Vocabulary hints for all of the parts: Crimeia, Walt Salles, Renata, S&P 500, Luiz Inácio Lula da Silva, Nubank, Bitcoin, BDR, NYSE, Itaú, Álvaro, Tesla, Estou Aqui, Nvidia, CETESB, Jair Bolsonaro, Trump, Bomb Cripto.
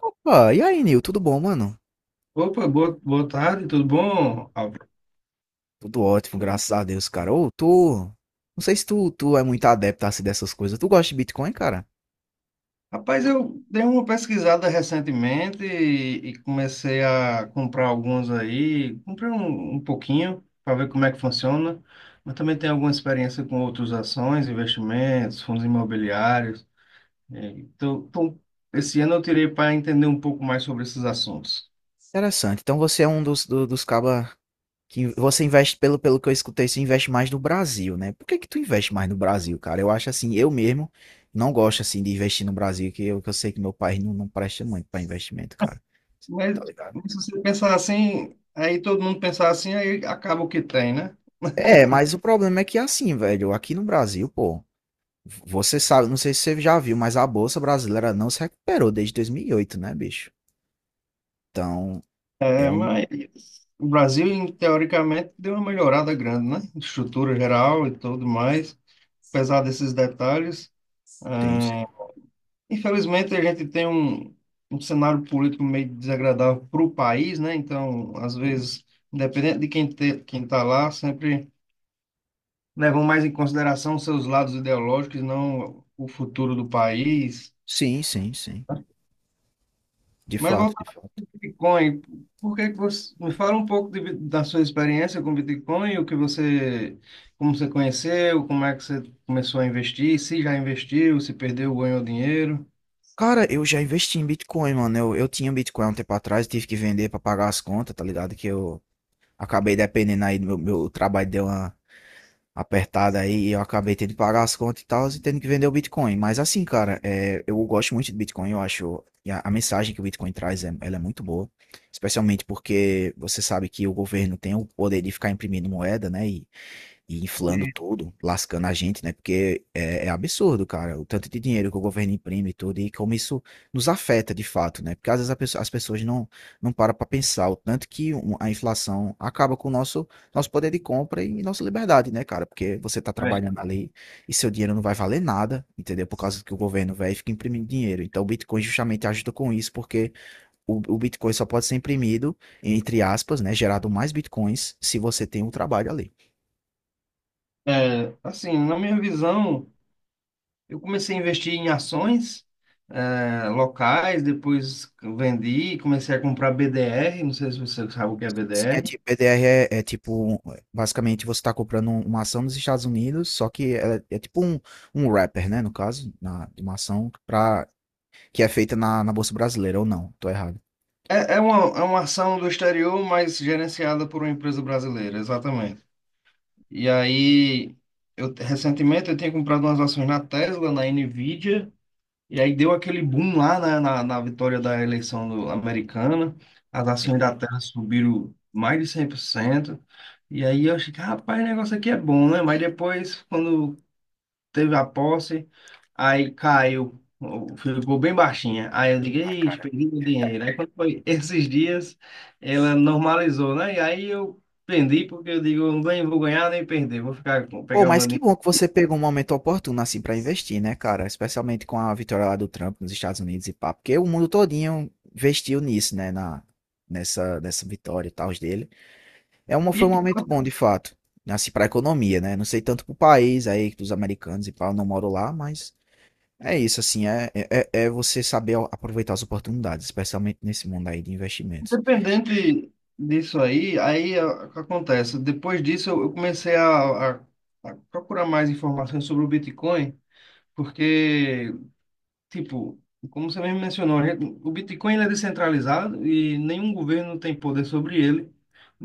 Opa, e aí, Nil? Tudo bom, mano? Opa, boa tarde, tudo bom, Álvaro? Tudo ótimo, graças a Deus, cara. Ô, tu. Não sei se tu é muito adepto assim dessas coisas. Tu gosta de Bitcoin, cara? Rapaz, eu dei uma pesquisada recentemente e comecei a comprar alguns aí. Comprei um pouquinho para ver como é que funciona, mas também tenho alguma experiência com outras ações, investimentos, fundos imobiliários. Então, esse ano eu tirei para entender um pouco mais sobre esses assuntos. Interessante. Então você é um dos cabas que você investe, pelo que eu escutei, você investe mais no Brasil, né? Por que que tu investe mais no Brasil, cara? Eu acho assim, eu mesmo não gosto assim de investir no Brasil, que eu sei que meu país não presta muito pra investimento, cara. Tá Mas ligado? se você pensar assim, aí todo mundo pensar assim, aí acaba o que tem, né? É, mas o problema é que assim, velho, aqui no Brasil, pô. Você sabe, não sei se você já viu, mas a Bolsa Brasileira não se recuperou desde 2008, né, bicho? Então, é É, um. mas o Brasil, teoricamente, deu uma melhorada grande, né? Estrutura geral e tudo mais, apesar desses detalhes. Sim, sim. ah, Infelizmente, a gente tem um cenário político meio desagradável para o país, né? Então, às vezes, independente de quem está lá, sempre levam mais em consideração os seus lados ideológicos, não o futuro do país. Sim, sim, sim. De Mas fato, voltando de fato. ao Bitcoin, por que que você me fala um pouco da sua experiência com Bitcoin, o que você, como você conheceu, como é que você começou a investir, se já investiu, se perdeu, ganhou dinheiro. Cara, eu já investi em Bitcoin, mano. Eu tinha Bitcoin há um tempo atrás, tive que vender pra pagar as contas, tá ligado? Que eu acabei dependendo aí do meu trabalho, deu uma apertada aí e eu acabei tendo que pagar as contas e tal, e tendo que vender o Bitcoin. Mas assim, cara, é, eu gosto muito do Bitcoin, eu acho. A mensagem que o Bitcoin traz, é, ela é muito boa. Especialmente porque você sabe que o governo tem o poder de ficar imprimindo moeda, né? E inflando E, tudo, lascando a gente, né? Porque é, é absurdo, cara, o tanto de dinheiro que o governo imprime e tudo, e como isso nos afeta de fato, né? Porque às vezes a as pessoas não param para pensar o tanto que a inflação acaba com o nosso, nosso poder de compra e nossa liberdade, né, cara? Porque você tá é, trabalhando ali e seu dinheiro não vai valer nada, entendeu? Por causa que o governo, velho, fica imprimindo dinheiro. Então o Bitcoin justamente ajuda com isso, porque o Bitcoin só pode ser imprimido, entre aspas, né? Gerado mais Bitcoins se você tem um trabalho ali. Assim, na minha visão, eu comecei a investir em ações, locais, depois vendi, comecei a comprar BDR, não sei se você sabe o que é Sim, é BDR. tipo, BDR é, é tipo, basicamente você está comprando uma ação nos Estados Unidos, só que é, é tipo um, um wrapper, né, no caso, na, de uma ação pra, que é feita na Bolsa Brasileira, ou não, tô errado. É, é uma ação do exterior, mas gerenciada por uma empresa brasileira, exatamente. E aí, eu recentemente eu tinha comprado umas ações na Tesla, na Nvidia, e aí deu aquele boom lá na vitória da eleição americana. As ações da É. Tesla subiram mais de 100%. E aí eu achei que, rapaz, o negócio aqui é bom, né? Mas depois, quando teve a posse, aí caiu, ficou bem baixinha. Aí eu digo, ixi, perdi meu dinheiro. Aí quando foi esses dias, ela normalizou, né? E aí eu vendi, porque eu digo, eu nem vou ganhar nem perder, vou ficar Pô, pegar o meu mas que dinheiro. bom que você pegou um momento oportuno, assim, pra investir, né, cara, especialmente com a vitória lá do Trump nos Estados Unidos e pá, porque o mundo todinho investiu nisso, né, na, nessa vitória e tal dele. É uma, E foi um momento pior, bom, de fato. Assim, para a economia, né? Não sei tanto para o país aí, dos americanos e pá, eu não moro lá, mas é isso, assim, é você saber aproveitar as oportunidades, especialmente nesse mundo aí de investimentos. independente disso aí, o que acontece? Depois disso, eu comecei a procurar mais informações sobre o Bitcoin, porque. Tipo, como você mesmo mencionou, o Bitcoin ele é descentralizado e nenhum governo tem poder sobre ele.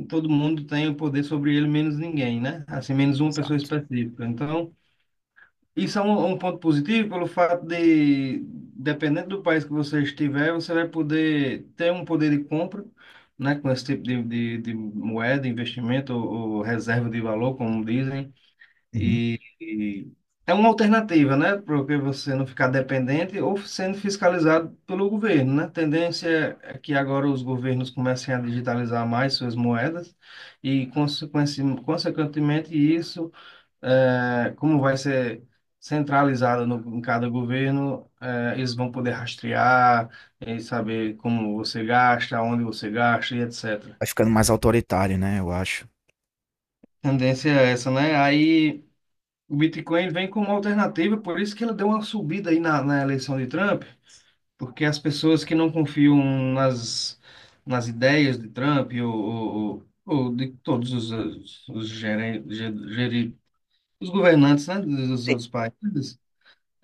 Todo mundo tem o poder sobre ele, menos ninguém, né? Assim, menos uma pessoa Exato. específica. Então, isso é um ponto positivo pelo fato de, dependendo do país que você estiver, você vai poder ter um poder de compra, né? Com esse tipo de moeda, investimento ou reserva de valor, como dizem. Uhum. E é uma alternativa, né? Porque você não ficar dependente ou sendo fiscalizado pelo governo, né? A tendência é que agora os governos comecem a digitalizar mais suas moedas e, consequentemente, isso, como vai ser centralizado no, em cada governo, eles vão poder rastrear e saber como você gasta, onde você gasta e etc. Vai ficando mais autoritário, né? Eu acho. Tendência é essa, né? Aí. O Bitcoin vem como alternativa, por isso que ele deu uma subida aí na eleição de Trump, porque as pessoas que não confiam nas, nas ideias de Trump ou de todos os, geren- ge- geri- os governantes, né, dos outros países,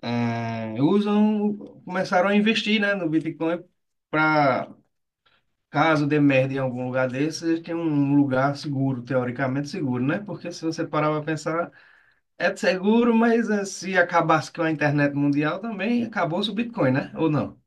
eh, usam, começaram a investir, né, no Bitcoin para, caso dê merda em algum lugar desse, eles têm um lugar seguro, teoricamente seguro, né? Porque se você parar para pensar, é seguro, mas se acabasse com a internet mundial também, acabou-se o Bitcoin, né? Ou não?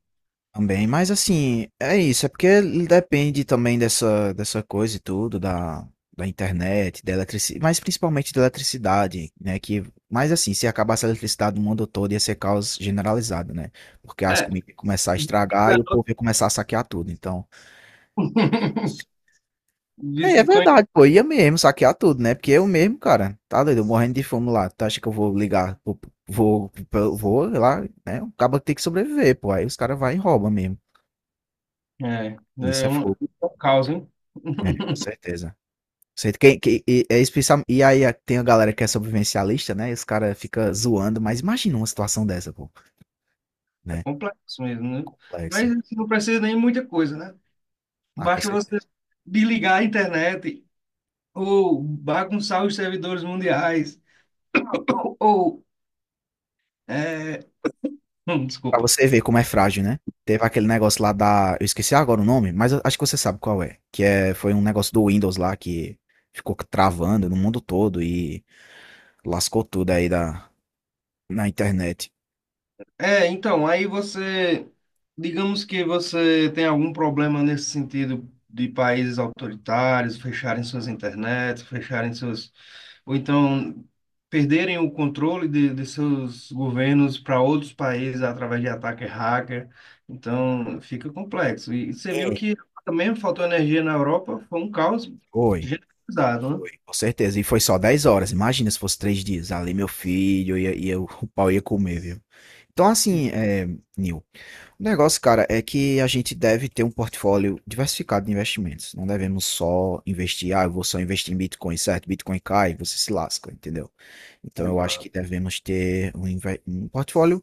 Também, mas assim, é isso, é porque depende também dessa coisa e tudo, da, da internet, da eletricidade, mas principalmente da eletricidade, né? Que, mas assim, se acabasse a eletricidade no mundo todo, ia ser caos generalizado, né? Porque as É. comidas iam começar a estragar e o povo ia começar a saquear tudo, então. É, é Bitcoin verdade, pô, ia mesmo saquear tudo, né? Porque eu mesmo, cara, tá doido, eu morrendo de fome lá. Tu acha que eu vou ligar, vou, vou, vou lá, né? O cabo tem que sobreviver, pô. Aí os caras vai e rouba mesmo. Isso é fogo. é um caos, hein? É, com certeza. Sei é especial, e aí tem a galera que é sobrevivencialista, né? E os caras ficam zoando, mas imagina uma situação dessa, pô, É né? complexo mesmo, né? Mas Complexo. assim, não precisa nem muita coisa, né? Ah, com Basta você certeza. desligar a internet ou bagunçar os servidores mundiais ou... é, Pra desculpa. você ver como é frágil, né? Teve aquele negócio lá da. Eu esqueci agora o nome, mas eu acho que você sabe qual é. Que é, foi um negócio do Windows lá que ficou travando no mundo todo e lascou tudo aí da, na internet. É, então, aí você, digamos que você tem algum problema nesse sentido de países autoritários fecharem suas internets, fecharem seus, ou então perderem o controle de seus governos para outros países através de ataque hacker. Então, fica complexo. E você viu É. que também faltou energia na Europa, foi um caos Foi, generalizado, né? foi, com certeza. E foi só 10 horas. Imagina se fosse 3 dias. Ali, meu filho, o pau ia comer, viu? Então, assim, é, Nil, o negócio, cara, é que a gente deve ter um portfólio diversificado de investimentos. Não devemos só investir, ah, eu vou só investir em Bitcoin, certo? Bitcoin cai, você se lasca, entendeu? Então, eu acho que Exato. devemos ter um portfólio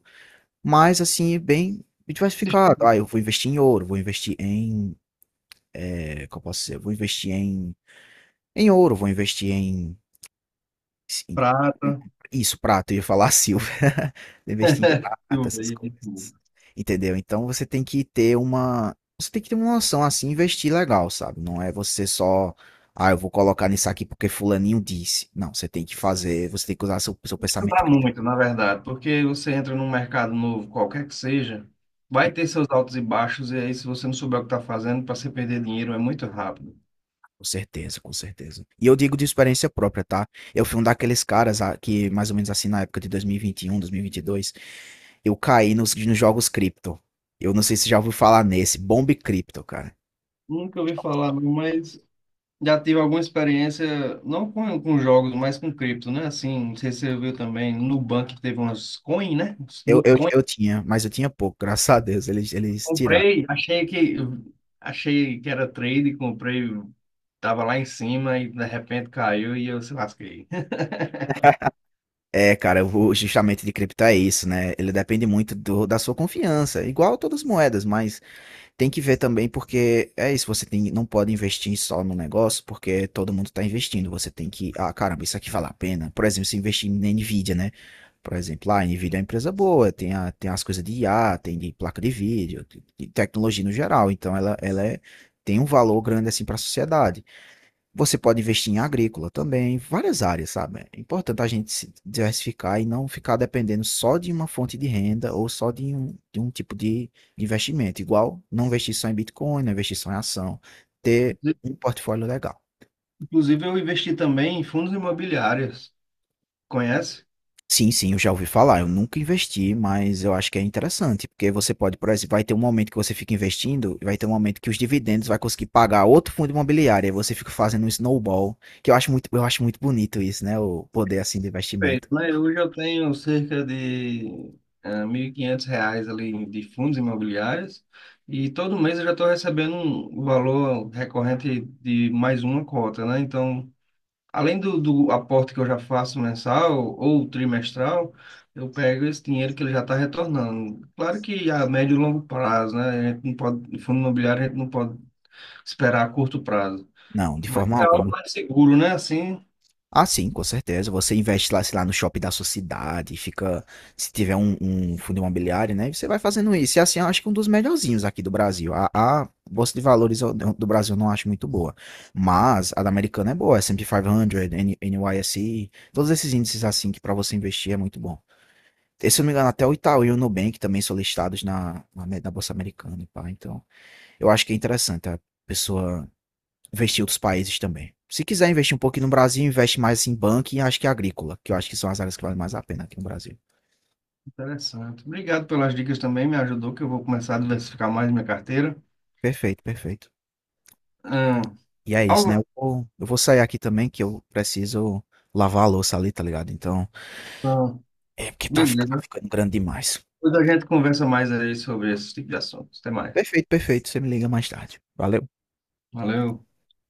mais, assim, bem diversificado. Ah, eu vou investir em ouro, vou investir em, é, qual posso ser? Vou investir em, em ouro, vou investir em Sim. Prata, Isso, prata, eu ia falar silver. Investir em prata, essas silveira. coisas. Entendeu? Então você tem que ter uma. Você tem que ter uma noção assim, investir legal, sabe? Não é você só. Ah, eu vou colocar nisso aqui porque fulaninho disse. Não, você tem que fazer, você tem que usar seu Ajudar pensamento crítico. muito, na verdade, porque você entra num mercado novo, qualquer que seja, vai Hum, ter seus altos e baixos, e aí se você não souber o que está fazendo, para você perder dinheiro é muito rápido. Com certeza, com certeza. E eu digo de experiência própria, tá? Eu fui um daqueles caras ah, que, mais ou menos assim, na época de 2021, 2022, eu caí nos jogos cripto. Eu não sei se já ouviu falar nesse, Bomb Cripto, cara. Nunca ouvi falar, mas já tive alguma experiência, não com jogos, mas com cripto, né? Assim, não sei se você viu também, no Nubank teve umas coin, né? Eu, No eu, coin, eu tinha, mas eu tinha pouco, graças a Deus, eles tiraram. comprei, achei que, achei que era trade, comprei, tava lá em cima e de repente caiu e eu se lasquei. É, cara, eu vou justamente de cripto é isso, né? Ele depende muito do, da sua confiança, igual todas as moedas, mas tem que ver também porque é isso, você tem, não pode investir só no negócio porque todo mundo tá investindo, você tem que, ah, caramba, isso aqui vale a pena. Por exemplo, se investir na Nvidia, né? Por exemplo, lá, a Nvidia é uma empresa boa, tem, a, tem as coisas de IA, tem de placa de vídeo, de tecnologia no geral, então ela é, tem um valor grande assim para a sociedade. Você pode investir em agrícola também, várias áreas, sabe? É importante a gente se diversificar e não ficar dependendo só de uma fonte de renda ou só de um tipo de investimento. Igual não investir só em Bitcoin, não investir só em ação. Ter um portfólio legal. Inclusive, eu investi também em fundos imobiliários. Conhece? Sim, sim, eu já ouvi falar. Eu nunca investi, mas eu acho que é interessante, porque você pode, por exemplo, vai ter um momento que você fica investindo, e vai ter um momento que os dividendos vai conseguir pagar outro fundo imobiliário, aí você fica fazendo um snowball, que eu acho muito bonito isso, né? O poder assim do Perfeito, investimento. né? Hoje eu tenho cerca de R$ 1.500 ali de fundos imobiliários e todo mês eu já estou recebendo um valor recorrente de mais uma cota, né? Então, além do aporte que eu já faço mensal ou trimestral, eu pego esse dinheiro que ele já está retornando. Claro que a médio e longo prazo, né? A gente não pode, fundo imobiliário a gente não pode esperar a curto prazo. Não, de Mas forma é algo alguma. mais seguro, né? Assim, Ah, sim, com certeza. Você investe lá, sei lá, no shopping da sua cidade, fica. Se tiver um, um fundo imobiliário, né? Você vai fazendo isso. E assim, eu acho que um dos melhorzinhos aqui do Brasil. A Bolsa de Valores do Brasil eu não acho muito boa. Mas a da Americana é boa. S&P 500, NYSE, todos esses índices assim que para você investir é muito bom. E, se eu não me engano, até o Itaú e o Nubank também são listados na Bolsa Americana, e pá. Então, eu acho que é interessante a pessoa investir em outros países também. Se quiser investir um pouquinho no Brasil, investe mais em banco e acho que é agrícola, que eu acho que são as áreas que valem mais a pena aqui no Brasil. Interessante. Obrigado pelas dicas também, me ajudou, que eu vou começar a diversificar mais minha carteira. Perfeito, perfeito. Hum, E é isso, algo... né? Eu vou sair aqui também, que eu preciso lavar a louça ali, tá ligado? Então, é porque tá, tá Beleza. ficando grande demais. Depois a gente conversa mais aí sobre esse tipo de assuntos. Até mais. Perfeito, perfeito. Você me liga mais tarde. Valeu. Valeu.